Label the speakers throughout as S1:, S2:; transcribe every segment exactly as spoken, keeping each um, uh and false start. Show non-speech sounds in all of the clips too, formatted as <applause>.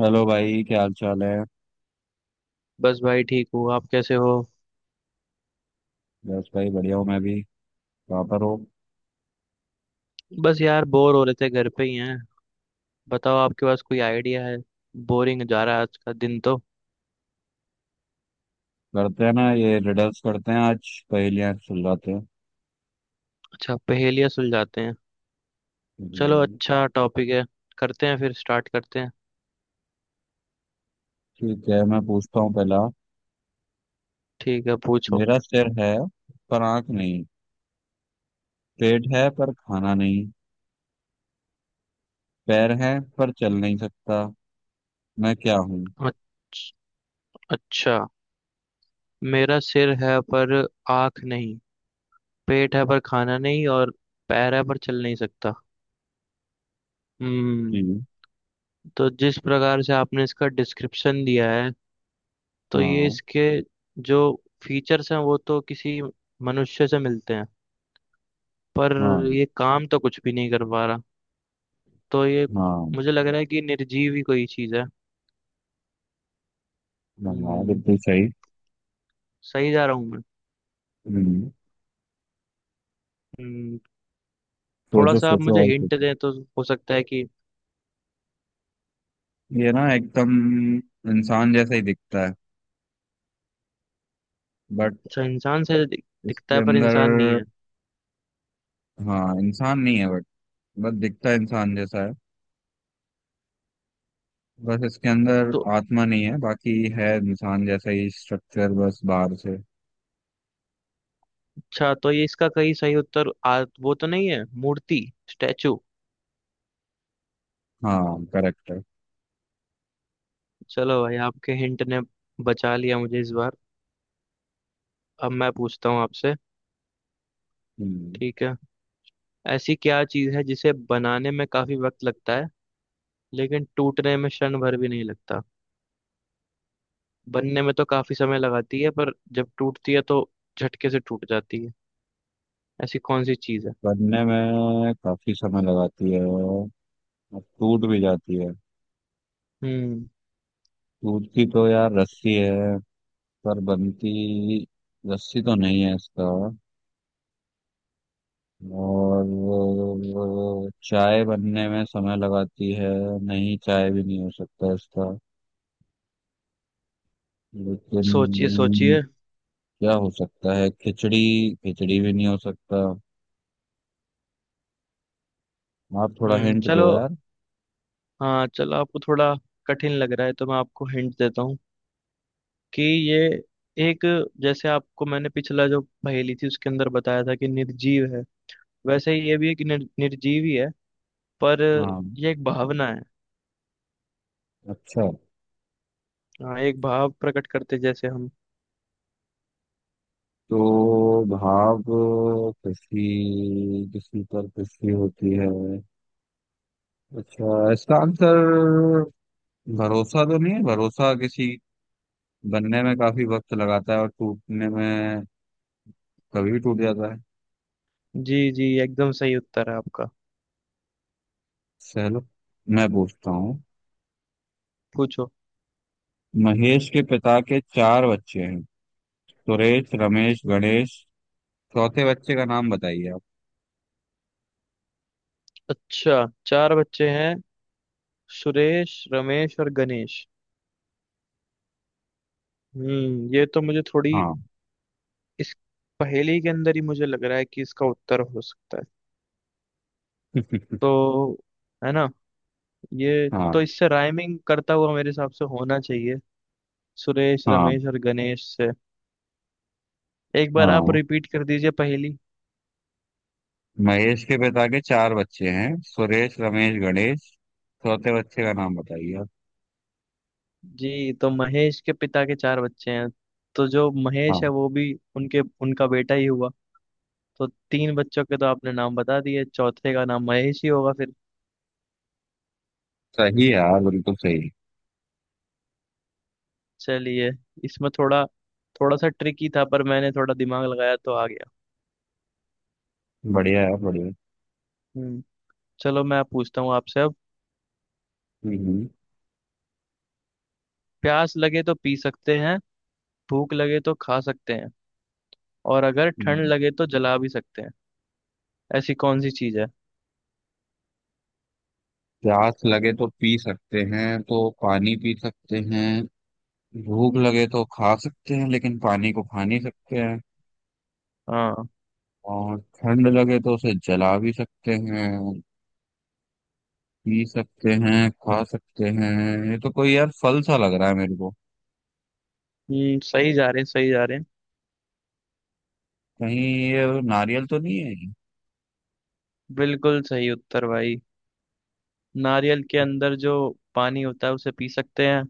S1: Hello भाई, क्या हाल चाल है?
S2: बस भाई ठीक हूँ। आप कैसे हो।
S1: बस भाई, बढ़िया हूँ मैं भी। कहाँ पर हो?
S2: बस यार बोर हो रहे थे घर पे ही हैं। बताओ आपके पास कोई आइडिया है। बोरिंग जा रहा है आज का दिन तो।
S1: करते हैं ना, ये रिडल्स करते हैं आज, पहेलियां सुलझाते हैं।
S2: अच्छा पहेलियाँ सुलझाते हैं। चलो
S1: हम्म।
S2: अच्छा टॉपिक है। करते हैं फिर स्टार्ट करते हैं।
S1: ठीक है, मैं पूछता हूँ पहला।
S2: ठीक है पूछो।
S1: मेरा सिर है, पर आंख नहीं। पेट है पर खाना नहीं। पैर है, पर चल नहीं सकता। मैं क्या हूँ?
S2: अच्छ- अच्छा। मेरा सिर है पर आँख नहीं। पेट है पर खाना नहीं। और पैर है पर चल नहीं सकता। हम्म।
S1: जी।
S2: तो जिस प्रकार से आपने इसका डिस्क्रिप्शन दिया है, तो ये
S1: हाँ,
S2: इसके जो फीचर्स हैं वो तो किसी मनुष्य से मिलते हैं। पर
S1: हाँ,
S2: ये काम तो कुछ भी नहीं कर पा रहा। तो ये
S1: हाँ।
S2: मुझे लग रहा है कि निर्जीव ही कोई चीज़ है।
S1: हाँ, बिल्कुल
S2: हम्म।
S1: सही।
S2: सही जा रहा हूँ मैं।
S1: हम्म।
S2: हम्म, थोड़ा
S1: सोचो,
S2: सा आप
S1: सोचो
S2: मुझे
S1: और
S2: हिंट
S1: सोचो।
S2: दें तो हो सकता है कि।
S1: ये ना एकदम इंसान जैसा ही दिखता है, बट
S2: अच्छा, इंसान से दि- दिखता
S1: इसके
S2: है पर इंसान नहीं
S1: अंदर।
S2: है
S1: हाँ, इंसान नहीं है, बट बस दिखता इंसान जैसा है। बस इसके अंदर
S2: तो।
S1: आत्मा नहीं है, बाकी है इंसान जैसा ही स्ट्रक्चर, बस बाहर से।
S2: अच्छा तो ये इसका कई सही उत्तर, आ, वो तो नहीं है मूर्ति। स्टैचू।
S1: हाँ, करेक्ट है।
S2: चलो भाई, आपके हिंट ने बचा लिया मुझे इस बार। अब मैं पूछता हूँ आपसे।
S1: हम्म।
S2: ठीक है। ऐसी क्या चीज है जिसे बनाने में काफी वक्त लगता है लेकिन टूटने में क्षण भर भी नहीं लगता। बनने में तो काफी समय लगाती है पर जब टूटती है तो झटके से टूट जाती है। ऐसी कौन सी चीज है।
S1: बनने में काफी समय लगाती है और टूट भी जाती है।
S2: हम्म।
S1: टूटती तो यार रस्सी है, पर बनती रस्सी तो नहीं है इसका। और वो चाय बनने में समय लगाती है। नहीं, चाय भी नहीं हो सकता इसका,
S2: सोचिए
S1: लेकिन
S2: सोचिए।
S1: क्या हो सकता है, खिचड़ी? खिचड़ी भी नहीं हो सकता। आप थोड़ा
S2: हम्म।
S1: हिंट
S2: चलो,
S1: दो यार।
S2: हाँ चलो, आपको थोड़ा कठिन लग रहा है तो मैं आपको हिंट देता हूँ कि ये एक, जैसे आपको मैंने पिछला जो पहेली थी उसके अंदर बताया था कि निर्जीव है, वैसे ही ये भी एक निर, निर्जीव ही है। पर
S1: हाँ,
S2: ये एक भावना है।
S1: अच्छा।
S2: हाँ एक भाव प्रकट करते जैसे हम।
S1: तो भाव, खुशी, किसी पर खुशी होती है। अच्छा, इसका आंसर भरोसा तो नहीं है? भरोसा किसी बनने में काफी वक्त लगाता है और टूटने में कभी भी टूट जाता है।
S2: जी जी, एकदम सही उत्तर है आपका।
S1: चलो, मैं पूछता हूँ।
S2: पूछो।
S1: महेश के पिता के चार बच्चे हैं, सुरेश, रमेश, गणेश। चौथे बच्चे का नाम बताइए आप।
S2: अच्छा, चार बच्चे हैं। सुरेश रमेश और गणेश। हम्म, ये तो मुझे थोड़ी
S1: हाँ।
S2: इस पहेली के अंदर ही मुझे लग रहा है कि इसका उत्तर हो सकता है। तो है ना, ये
S1: <laughs>
S2: तो
S1: हाँ।
S2: इससे राइमिंग करता हुआ मेरे हिसाब से होना चाहिए, सुरेश
S1: हाँ।
S2: रमेश और गणेश से। एक बार आप
S1: हाँ,
S2: रिपीट कर दीजिए पहेली।
S1: महेश के पिता के चार बच्चे हैं, सुरेश, रमेश, गणेश। चौथे बच्चे का नाम बताइए आप।
S2: जी, तो महेश के पिता के चार बच्चे हैं। तो जो
S1: हाँ,
S2: महेश है वो भी उनके उनका बेटा ही हुआ। तो तीन बच्चों के तो आपने नाम बता दिए, चौथे का नाम महेश ही होगा फिर।
S1: सही है यार, बिल्कुल सही।
S2: चलिए, इसमें थोड़ा थोड़ा सा ट्रिकी था पर मैंने थोड़ा दिमाग लगाया तो आ गया।
S1: बढ़िया है, बढ़िया।
S2: हम्म। चलो मैं पूछता हूँ आपसे अब।
S1: हम्म, हम्म।
S2: प्यास लगे तो पी सकते हैं। भूख लगे तो खा सकते हैं। और अगर ठंड
S1: हम्म।
S2: लगे तो जला भी सकते हैं। ऐसी कौन सी चीज है।
S1: प्यास लगे तो पी सकते हैं, तो पानी पी सकते हैं। भूख लगे तो खा सकते हैं, लेकिन पानी को खा नहीं सकते हैं।
S2: हाँ।
S1: और ठंड लगे तो उसे जला भी सकते हैं। पी सकते हैं, खा सकते हैं। ये तो कोई यार फल सा लग रहा है मेरे को।
S2: हम्म, सही जा रहे हैं सही जा रहे हैं।
S1: कहीं ये नारियल तो नहीं है?
S2: बिल्कुल सही उत्तर भाई। नारियल के अंदर जो पानी होता है उसे पी सकते हैं।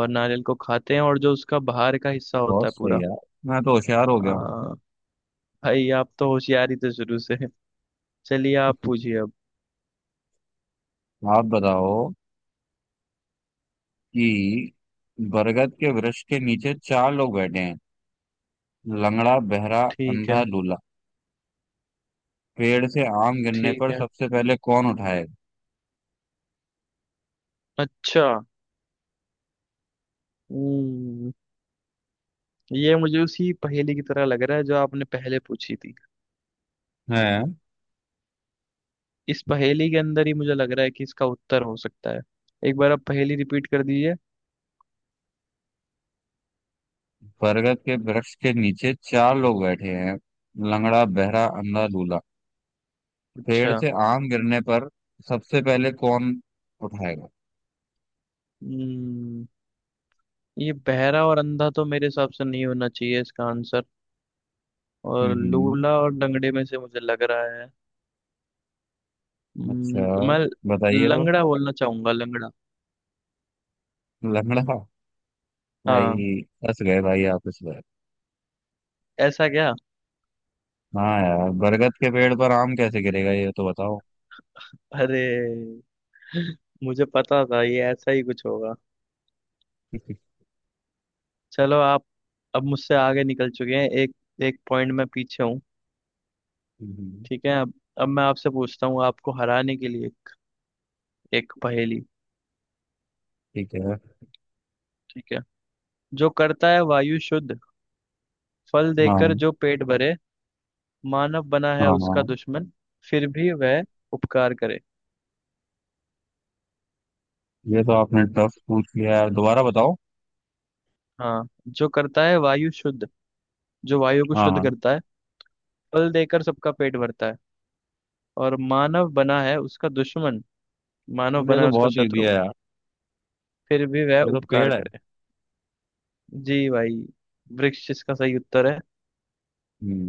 S2: और नारियल को खाते हैं और जो उसका बाहर का हिस्सा होता
S1: बहुत
S2: है
S1: सही
S2: पूरा।
S1: यार, मैं तो होशियार हो गया हूँ।
S2: आ, भाई आप तो होशियारी तो शुरू से है। चलिए आप पूछिए अब।
S1: आप बताओ कि बरगद के वृक्ष के नीचे चार लोग बैठे हैं। लंगड़ा, बहरा,
S2: ठीक है।
S1: अंधा, लूला। पेड़ से आम गिरने
S2: ठीक
S1: पर
S2: है।
S1: सबसे पहले कौन उठाएगा?
S2: अच्छा। हम्म, ये मुझे उसी पहेली की तरह लग रहा है जो आपने पहले पूछी थी।
S1: है।
S2: इस पहेली के अंदर ही मुझे लग रहा है कि इसका उत्तर हो सकता है। एक बार आप पहेली रिपीट कर दीजिए।
S1: बरगद के वृक्ष के नीचे चार लोग बैठे हैं, लंगड़ा, बहरा, अंधा, लूला। पेड़
S2: अच्छा।
S1: से आम गिरने पर सबसे पहले कौन उठाएगा?
S2: हम्म, ये बहरा और अंधा तो मेरे हिसाब से नहीं होना चाहिए इसका आंसर। और
S1: हम्म।
S2: लूला और लंगड़े में से मुझे लग रहा है।
S1: अच्छा,
S2: हम्म, तो मैं
S1: बताइए तो।
S2: लंगड़ा बोलना चाहूंगा, लंगड़ा।
S1: लंगड़ा?
S2: हाँ,
S1: भाई, फंस गए भाई आप इसमें।
S2: ऐसा क्या।
S1: हाँ यार, बरगद के पेड़ पर आम कैसे गिरेगा ये तो बताओ।
S2: अरे, मुझे पता था ये ऐसा ही कुछ होगा।
S1: <laughs>
S2: चलो आप। अब मुझसे आगे निकल चुके हैं। एक एक पॉइंट में पीछे हूँ।
S1: हम्म।
S2: ठीक है अब अब मैं आपसे पूछता हूँ आपको हराने के लिए एक पहेली।
S1: ठीक है।
S2: ठीक है। जो करता है वायु शुद्ध। फल देकर
S1: हाँ,
S2: जो पेट भरे। मानव बना है
S1: हाँ,
S2: उसका
S1: हाँ।
S2: दुश्मन। फिर भी वह उपकार करे।
S1: ये तो आपने टफ पूछ लिया यार, दोबारा बताओ।
S2: हाँ, जो करता है वायु शुद्ध। जो वायु को
S1: हाँ,
S2: शुद्ध
S1: हाँ।
S2: करता है। फल देकर सबका पेट भरता है। और मानव बना है उसका दुश्मन। मानव
S1: अरे, ये
S2: बना
S1: तो
S2: है उसका
S1: बहुत इजी
S2: शत्रु।
S1: है यार।
S2: फिर भी वह
S1: ये तो
S2: उपकार
S1: पेड़ है।
S2: करे। जी भाई, वृक्ष इसका सही उत्तर है।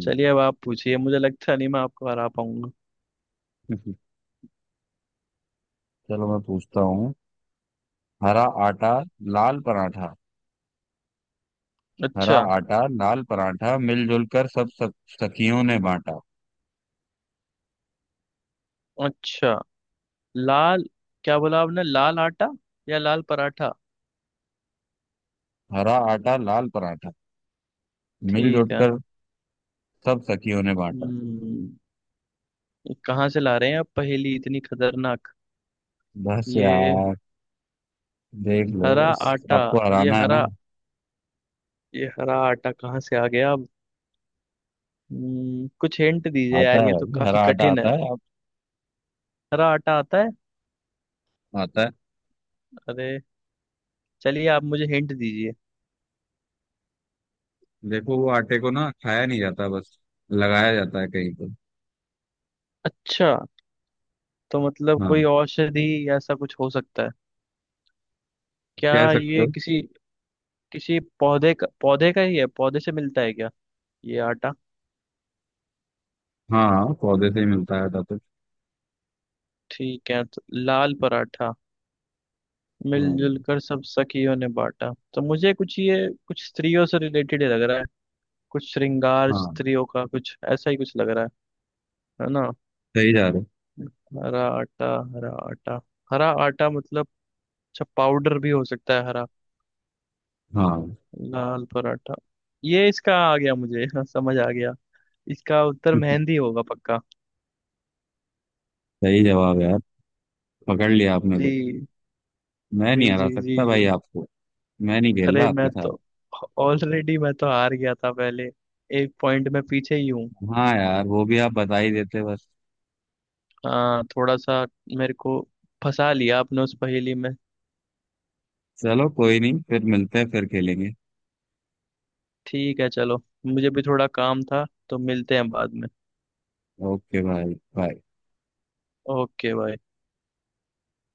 S2: चलिए अब आप पूछिए। मुझे लगता नहीं मैं आपको हरा पाऊंगा।
S1: <laughs> चलो, मैं पूछता हूँ। हरा आटा, लाल पराठा। हरा
S2: अच्छा।
S1: आटा लाल पराठा, मिलजुल कर सब सब सखियों ने बांटा।
S2: अच्छा। लाल, क्या बोला आपने, लाल आटा या लाल पराठा।
S1: हरा आटा लाल पराठा,
S2: ठीक
S1: मिलजुल
S2: है।
S1: कर सब सखियों ने बांटा।
S2: हम्म, ये कहाँ से ला रहे हैं आप पहेली इतनी खतरनाक।
S1: बस
S2: ये
S1: यार। देख लो।
S2: हरा आटा।
S1: आपको
S2: ये
S1: हराना है ना।
S2: हरा। ये हरा आटा कहाँ से आ गया अब। हम्म, कुछ हिंट दीजिए
S1: आता
S2: यार,
S1: है
S2: ये तो
S1: भाई,
S2: काफी
S1: हरा आटा
S2: कठिन है।
S1: आता है आप।
S2: हरा आटा आता है।
S1: आता है।
S2: अरे, चलिए आप मुझे हिंट दीजिए।
S1: देखो, वो आटे को ना खाया नहीं जाता, बस लगाया जाता है कहीं पर।
S2: अच्छा, तो मतलब
S1: हाँ।
S2: कोई औषधि ऐसा कुछ हो सकता है।
S1: कह
S2: क्या
S1: सकते
S2: ये
S1: हो।
S2: किसी किसी पौधे का पौधे का ही है, पौधे से मिलता है क्या ये आटा।
S1: हाँ, हाँ, पौधे से ही मिलता है आटा तो।
S2: ठीक है, तो लाल पराठा मिलजुल
S1: हाँ।
S2: कर सब सखियों ने बांटा, तो मुझे कुछ ये कुछ स्त्रियों से रिलेटेड ही लग रहा है। कुछ श्रृंगार
S1: हाँ,
S2: स्त्रियों का, कुछ ऐसा ही कुछ लग रहा है। है ना।
S1: सही जा रहे
S2: हरा आटा, हरा आटा, हरा आटा मतलब, अच्छा पाउडर भी हो सकता है हरा।
S1: हो। हाँ।
S2: लाल पराठा। ये इसका आ गया मुझे <laughs> हाँ, समझ आ गया। इसका उत्तर
S1: <laughs>
S2: मेहंदी होगा पक्का।
S1: सही जवाब है यार, पकड़ लिया आपने तो।
S2: जी
S1: मैं
S2: जी
S1: नहीं हरा
S2: जी जी
S1: सकता भाई
S2: जी।
S1: आपको। मैं नहीं खेल
S2: अरे,
S1: रहा
S2: मैं
S1: आपके
S2: तो
S1: साथ।
S2: ऑलरेडी मैं तो हार गया था पहले। एक पॉइंट में पीछे ही हूँ।
S1: हाँ यार, वो भी आप बता ही देते बस।
S2: हाँ, थोड़ा सा मेरे को फंसा लिया आपने उस पहेली में।
S1: चलो, कोई नहीं, फिर मिलते हैं, फिर खेलेंगे।
S2: ठीक है चलो, मुझे भी थोड़ा काम था तो मिलते हैं बाद में।
S1: ओके भाई, बाय।
S2: ओके भाई।